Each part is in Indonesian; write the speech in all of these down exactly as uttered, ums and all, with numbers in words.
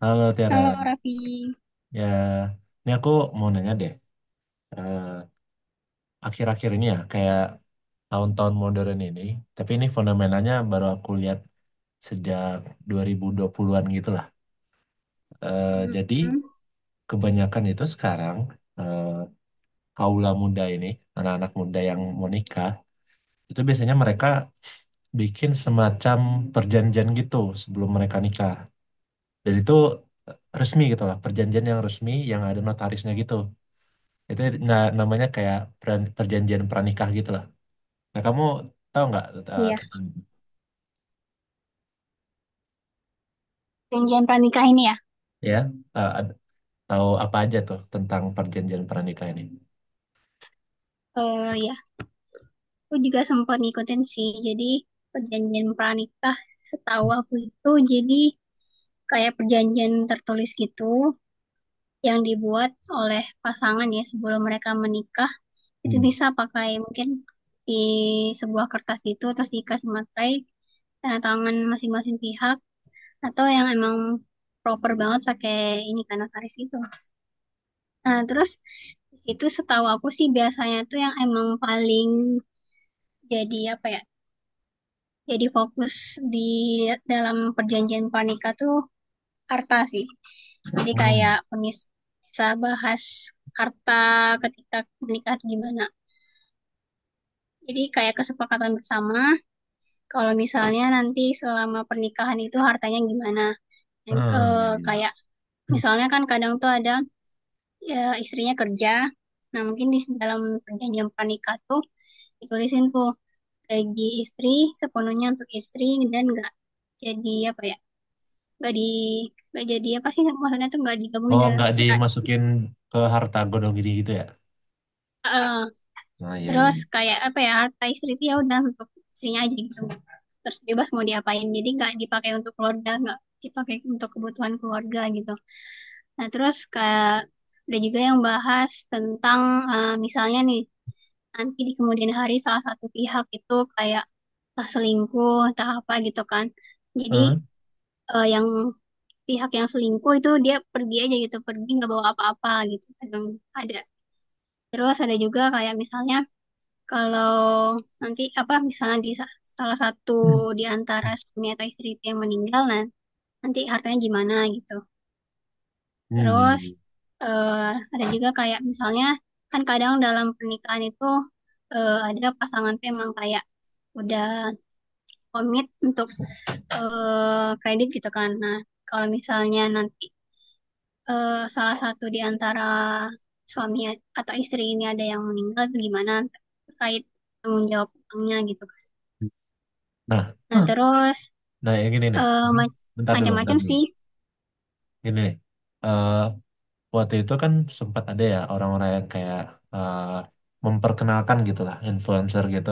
Halo Kalau Tiara, Raffi, ya ini aku mau nanya deh, eh, akhir-akhir ini ya kayak tahun-tahun modern ini, tapi ini fenomenanya baru aku lihat sejak dua ribu-an gitu lah. Eh, jadi kebanyakan itu sekarang eh, kaula muda ini, anak-anak muda yang mau nikah, itu biasanya mereka bikin semacam perjanjian gitu sebelum mereka nikah. Dan itu eh, resmi gitu lah, perjanjian yang resmi yang ada notarisnya gitu. Itu nah, namanya kayak peran- perjanjian pranikah gitu lah. Nah, kamu tahu nggak eh, iya, tentang perjanjian pranikah ini ya. ya eh, ad- tahu apa aja tuh tentang perjanjian pranikah ini? Eh ya, aku juga sempat ngikutin sih. Jadi perjanjian pranikah setahu aku itu jadi kayak perjanjian tertulis gitu yang dibuat oleh pasangan ya sebelum mereka menikah. Itu Hmm. bisa pakai mungkin di sebuah kertas itu terus dikasih materai tanda tangan masing-masing pihak atau yang emang proper banget pakai ini kan notaris itu. Nah, terus di situ setahu aku sih biasanya tuh yang emang paling jadi apa ya? Jadi fokus di dalam perjanjian pranikah tuh harta sih. Jadi kayak Hmm. penis- bisa bahas harta ketika menikah tuh gimana. Jadi kayak kesepakatan bersama kalau misalnya nanti selama pernikahan itu hartanya gimana. Dan, Hmm, iya, eh, iya. kayak Hmm. misalnya kan kadang tuh ada ya istrinya kerja. Nah, mungkin di dalam perjanjian pernikah tuh ditulisin tuh gaji istri sepenuhnya untuk istri dan nggak jadi apa ya nggak di nggak jadi apa sih maksudnya tuh nggak digabungin Oh, dan nggak nggak- dimasukin ke harta gondong gini gitu ya? eh, Nah, iya, iya. terus kayak apa ya harta istri itu ya udah untuk istrinya aja gitu terus bebas mau diapain jadi nggak dipakai untuk keluarga nggak dipakai untuk kebutuhan keluarga gitu. Nah, terus kayak ada juga yang bahas tentang, eh, misalnya nih, nanti di kemudian hari salah satu pihak itu kayak entah selingkuh entah apa gitu kan. Jadi, Heeh. eh, yang pihak yang selingkuh itu dia pergi aja gitu, pergi nggak bawa apa-apa gitu kadang ada. Terus ada juga kayak misalnya kalau nanti apa misalnya di sa- salah satu Hmm. di antara suami atau istri itu yang meninggal, nah nanti hartanya gimana gitu. Hmm, iya, Terus iya. eh, ada juga kayak misalnya kan kadang dalam pernikahan itu eh, ada pasangan tuh emang kayak udah komit untuk, eh, kredit gitu kan. Nah, kalau misalnya nanti, eh, salah satu di antara suami atau istri ini ada yang meninggal tuh gimana terkait tanggung jawab utangnya gitu kan. Nah. Nah, Hmm. terus Nah, yang gini nih. eh, Hmm. ma- Bentar dulu, bentar macam-macam dulu. sih. Gini nih. Eh, Waktu itu kan sempat ada ya orang-orang yang kayak eh, memperkenalkan gitu lah, influencer gitu,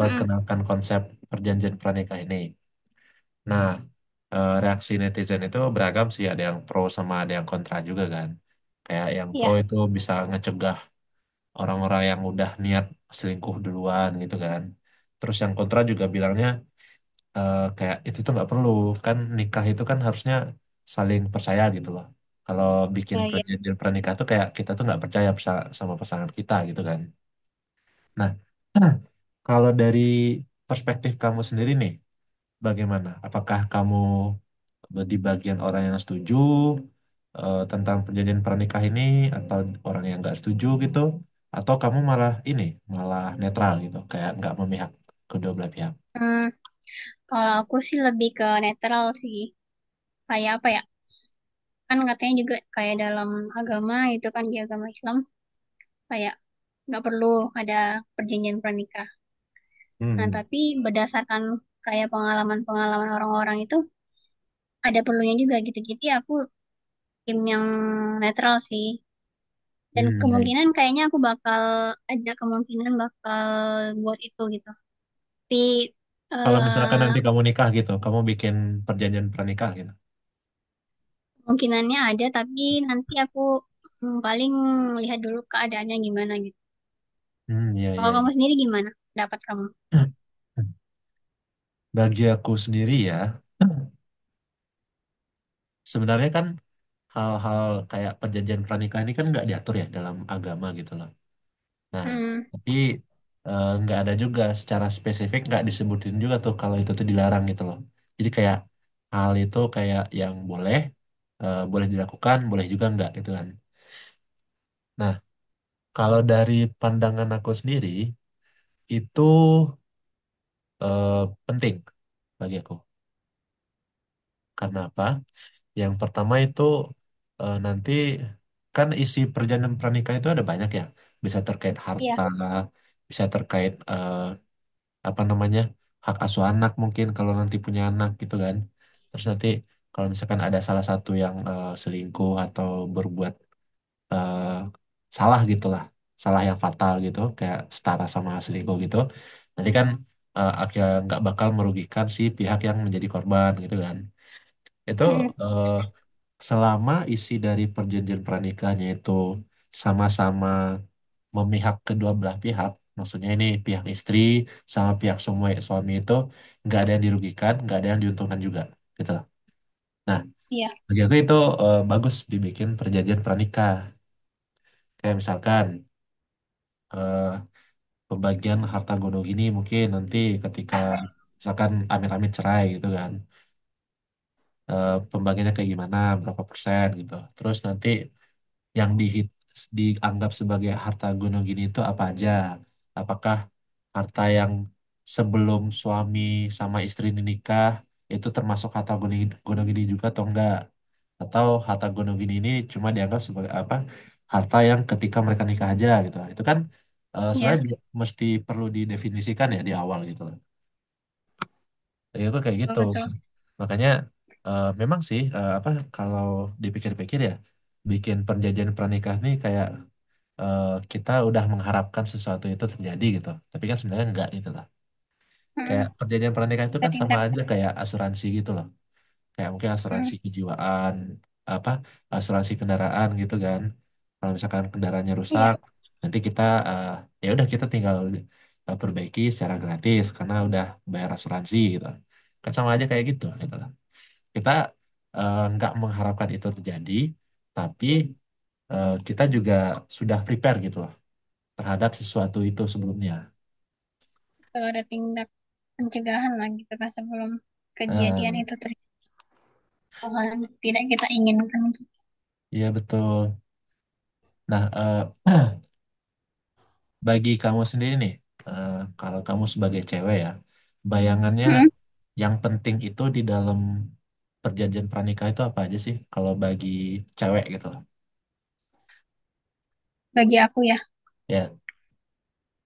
Mm-mm. konsep perjanjian pranikah ini. Nah, eh, reaksi netizen itu beragam sih, ada yang pro sama ada yang kontra juga kan. Kayak yang pro Iya, itu bisa ngecegah orang-orang yang udah niat selingkuh duluan gitu kan. Terus yang kontra juga bilangnya eh, kayak itu tuh nggak perlu, kan nikah itu kan harusnya saling percaya gitu loh. Kalau bikin iya, iya. perjanjian pranikah tuh kayak kita tuh nggak percaya pesa- sama pasangan kita gitu kan. Nah, kalau dari perspektif kamu sendiri nih, bagaimana? Apakah kamu di bagian orang yang setuju eh, tentang perjanjian pernikah ini atau orang yang nggak setuju gitu? Atau kamu malah ini, malah netral gitu, kayak nggak memihak kedua belah pihak? Hmm, kalau aku sih lebih ke netral sih. Kayak apa ya? Kan katanya juga kayak dalam agama itu kan di agama Islam kayak nggak perlu ada perjanjian pernikah. Nah, Hmm. tapi berdasarkan kayak pengalaman-pengalaman orang-orang itu ada perlunya juga gitu. Jadi aku tim yang netral sih. Dan Hmm, iya, iya. kemungkinan kayaknya aku bakal ada kemungkinan bakal buat itu gitu. Tapi Kalau misalkan eh, nanti kamu nikah gitu, kamu bikin perjanjian pernikah gitu. kemungkinannya ada tapi nanti aku, hmm, paling lihat dulu keadaannya gimana gitu. Hmm, iya, Kalau iya. kamu Iya. sendiri gimana? Pendapat kamu? Bagi aku sendiri ya, sebenarnya kan hal-hal kayak perjanjian pernikah ini kan nggak diatur ya dalam agama gitu loh. Nah, Hmm. tapi eh, nggak ada juga secara spesifik nggak disebutin juga tuh kalau itu tuh dilarang gitu loh. Jadi kayak hal itu kayak yang boleh, eh, boleh dilakukan, boleh juga nggak gitu kan. Nah, kalau dari pandangan aku sendiri itu eh, penting bagi aku. Karena apa? Yang pertama itu eh, nanti kan isi perjanjian pernikah itu ada banyak ya. Bisa terkait Iya. harta, bisa terkait eh, apa namanya hak asuh anak mungkin kalau nanti punya anak gitu kan, terus nanti kalau misalkan ada salah satu yang eh, selingkuh atau berbuat eh, salah gitulah, salah yang fatal gitu kayak setara sama selingkuh gitu, nanti kan eh, akhirnya nggak bakal merugikan si pihak yang menjadi korban gitu kan, itu Mm. eh, selama isi dari perjanjian pranikahnya itu sama-sama memihak kedua belah pihak, maksudnya ini pihak istri sama pihak semua ya, suami itu nggak ada yang dirugikan, nggak ada yang diuntungkan juga, gitu lah. Nah, Iya, bagi aku itu eh, bagus dibikin perjanjian pranikah. Kayak misalkan eh, pembagian harta gono gini mungkin nanti ketika misalkan amit-amit cerai gitu kan, eh, pembagiannya kayak gimana, berapa persen gitu. Terus nanti yang dihit, dianggap sebagai harta gonogini itu apa aja? Apakah harta yang sebelum suami sama istri ini nikah itu termasuk harta goni- gonogini juga atau enggak? Atau harta gonogini ini cuma dianggap sebagai apa? Harta yang ketika mereka nikah aja gitu. Itu kan eh, iya, sebenarnya bi- mesti perlu didefinisikan ya di awal gitu loh. Jadi aku kayak betul, gitu. betul. Makanya eh, memang sih eh, apa kalau dipikir-pikir ya bikin perjanjian pernikah nih kayak eh, kita udah mengharapkan sesuatu itu terjadi gitu. Tapi kan sebenarnya enggak gitu lah. Kayak Mm. perjanjian pernikahan itu Ada kan sama tindak, aja kayak asuransi gitu loh. Kayak mungkin mm, asuransi kejiwaan, apa asuransi kendaraan gitu kan. Kalau misalkan kendaraannya iya, rusak, nanti kita eh, ya udah kita tinggal eh, perbaiki secara gratis karena udah bayar asuransi gitu. Kan sama aja kayak gitu gitu lah. Kita eh, nggak mengharapkan itu terjadi, tapi eh, kita juga sudah prepare gitu loh terhadap sesuatu itu sebelumnya. betul ada tindak pencegahan lah gitu kan sebelum kejadian Eh, itu terjadi, hal yang tidak kita inginkan, gitu. Iya betul. Nah, eh, bagi kamu sendiri nih, eh, kalau kamu sebagai cewek ya, bayangannya Mm. yang penting itu di dalam perjanjian pranikah itu apa aja sih? Kalau bagi cewek gitu loh. Bagi aku ya, Ya,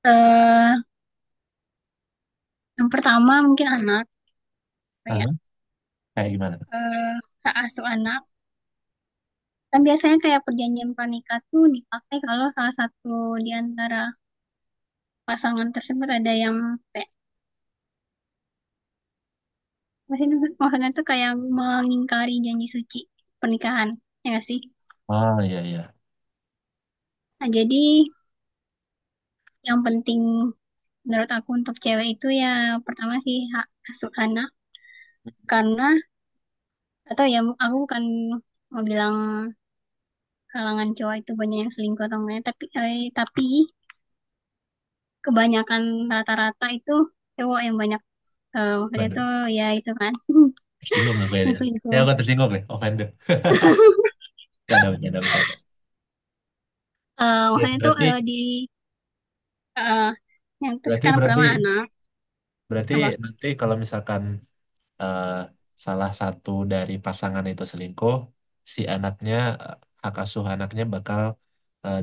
eh yang pertama mungkin anak, aha, kayak kayak gimana tuh? eh, hak asuh anak. Kan biasanya kayak perjanjian pernikah tuh dipakai kalau salah satu di antara pasangan tersebut ada yang kayak maksudnya, maksudnya tuh kayak mengingkari janji suci pernikahan, ya nggak sih? Oh iya iya. Nah, jadi yang penting menurut aku untuk cewek itu ya pertama sih hak asuh anak karena, atau ya, aku bukan mau bilang kalangan cowok itu banyak yang selingkuh atau enggak ya, tapi eh, tapi kebanyakan rata-rata itu cowok yang banyak, eh, maksudnya Waduh, itu ya itu kan tersinggung aku ya, yang dia. Ya selingkuh. aku tersinggung deh, offended. Bercanda, bercanda, bercanda. Eh, Oke, maksudnya itu, Berarti, eh, di eh, yang terus berarti, kan berarti, pertama anak, berarti apa, nanti kalau misalkan eh, salah satu dari pasangan itu selingkuh, si anaknya eh, hak asuh anaknya bakal eh,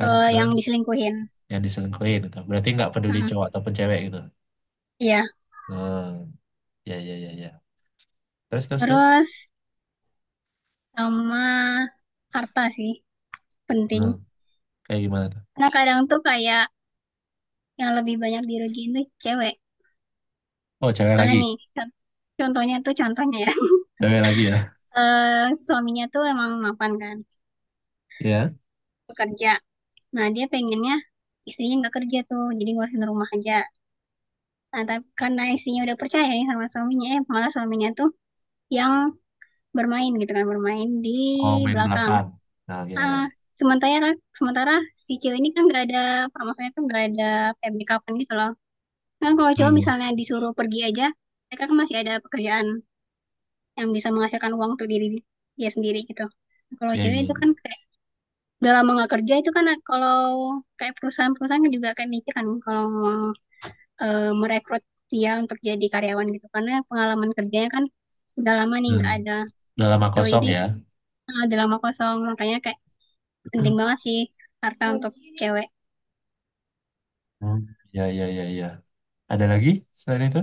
ke ke yang diselingkuhin. yang diselingkuhin gitu. Berarti nggak peduli cowok Heeh, ataupun cewek gitu. iya, Hmm, ya ya ya ya. Terus terus terus. terus sama harta sih penting. Hmm, kayak gimana tuh? Nah kadang tuh kayak yang lebih banyak dirugiin tuh cewek. Oh, cewek Soalnya lagi. nih, kan, contohnya tuh contohnya ya. Cewek lagi ya. Eh, suaminya tuh emang mapan kan, Ya. bekerja. Nah, dia pengennya istrinya nggak kerja tuh, jadi ngurusin rumah aja. Nah, tapi karena istrinya udah percaya nih sama suaminya, eh, malah suaminya tuh yang bermain gitu kan, bermain di Oh, main belakang. belakang. Nah, ya ya. Ah, sementara sementara si cewek ini kan nggak ada, apa, maksudnya tuh nggak ada kayak backupan gitu loh. Kan kalau cowok Hmm, misalnya disuruh pergi aja, mereka kan masih ada pekerjaan yang bisa menghasilkan uang untuk diri dia sendiri gitu. Kalau ya ya, cewek itu kan ya. kayak udah lama nggak kerja itu kan kalau kayak perusahaan-perusahaan kan juga kayak mikir kan kalau mau, eh, merekrut dia untuk jadi karyawan gitu karena pengalaman kerjanya kan udah lama nih Hmm. nggak ada Udah lama tuh kosong jadi, ya. eh, udah lama kosong, makanya kayak penting banget sih harta untuk cewek. Hmm. Ya ya ya ya. Ada lagi selain itu?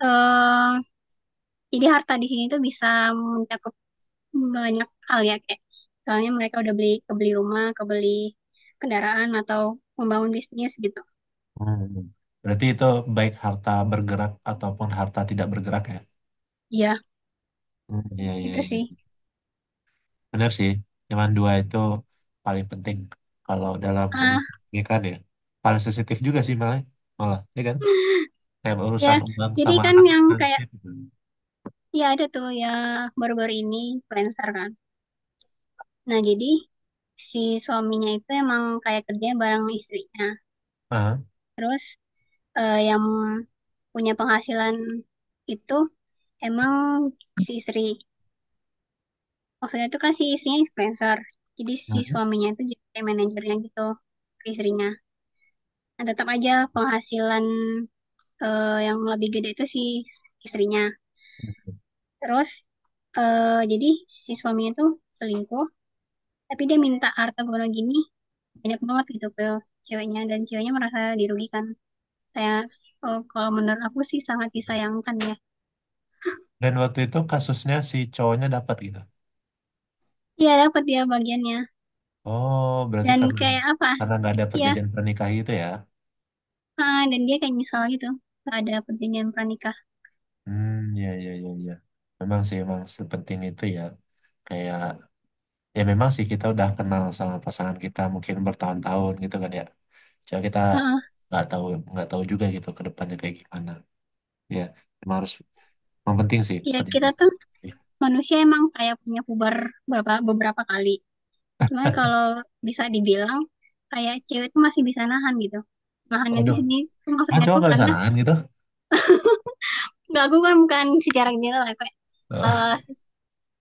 eh jadi harta di sini tuh bisa mencakup banyak hal ya kayak misalnya mereka udah beli, kebeli rumah, kebeli kendaraan, atau membangun bisnis gitu. Hmm. Berarti itu baik harta bergerak ataupun harta tidak bergerak ya? Iya, Hmm, iya, iya, itu iya. sih. Benar sih. Cuman dua itu paling penting kalau dalam Ah, urusan pernikahan ya. Paling sensitif juga sih malah. Malah, ya kan? Kayak ya. urusan uang Jadi sama kan anak itu yang kan kayak sensitif. ya ada tuh ya baru-baru ini influencer kan. Nah, jadi si suaminya itu emang kayak kerja bareng istrinya. Ah, Terus eh, yang punya penghasilan itu emang si istri. Maksudnya itu kan si istrinya influencer. Jadi si hmm. suaminya itu jadi kayak manajernya gitu ke istrinya. Nah, tetap aja penghasilan, eh, yang lebih gede itu si istrinya. Terus eh jadi si suaminya tuh selingkuh, tapi dia minta harta gono gini banyak banget gitu ke ceweknya dan ceweknya merasa dirugikan. Saya eh, kalau menurut aku sih sangat disayangkan ya. Dan waktu itu kasusnya si cowoknya dapat gitu. Iya dapat dia bagiannya Oh, berarti dan karena kayak apa? karena nggak ada Ya, perjanjian pernikah itu ya? ah, dan dia kayak nyesal gitu gak ada perjanjian pranikah. Hmm, iya, iya, iya, iya. Memang sih, memang sepenting itu ya. Kayak ya memang sih kita udah kenal sama pasangan kita mungkin bertahun-tahun gitu kan ya, cuma kita Heeh. nggak tahu nggak tahu juga gitu ke depannya kayak gimana, ya emang harus yang penting sih Ya kita tuh perjalanan. Ya. manusia emang kayak punya puber beberapa beberapa kali. Cuman kalau bisa dibilang kayak cewek tuh masih bisa nahan gitu. Nahannya di Waduh, sini tuh ah, maksudnya cowok tuh nggak karena, sanaan gitu. nggak, aku kan bukan secara general ya, kayak, eh,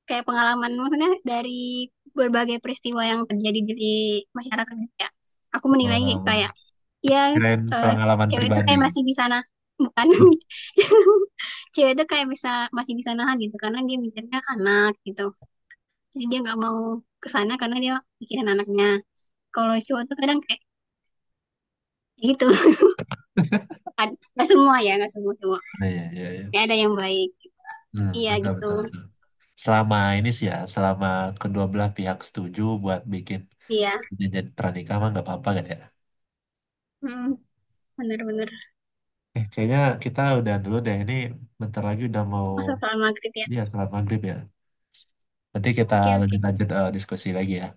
kayak pengalaman maksudnya dari berbagai peristiwa yang terjadi di masyarakat gitu ya. Aku menilai kayak, kayak, Em, ya Kirain eh, pengalaman cewek itu pribadi. kayak masih bisa nah bukan, cewek itu kayak bisa masih bisa nahan gitu karena dia mikirnya anak gitu. Jadi dia nggak mau kesana karena dia mikirin anaknya. Kalau cowok tuh kadang kayak gitu. Nggak semua ya, nggak semua cowok. Nah, iya, iya, iya. Ya ada yang baik. Hmm, Iya betul, gitu. betul, betul. Selama ini sih ya, selama kedua belah pihak setuju buat bikin Iya. perjanjian pernikah mah nggak apa-apa kan ya. Mm, bener-bener. Eh, kayaknya kita udah dulu deh. Ini bentar lagi udah mau Masalah soal maghrib ya. Iya, sholat maghrib ya. Nanti kita Oke, oke. lanjut-lanjut eh, diskusi lagi ya.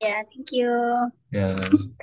Ya, thank you. Ya,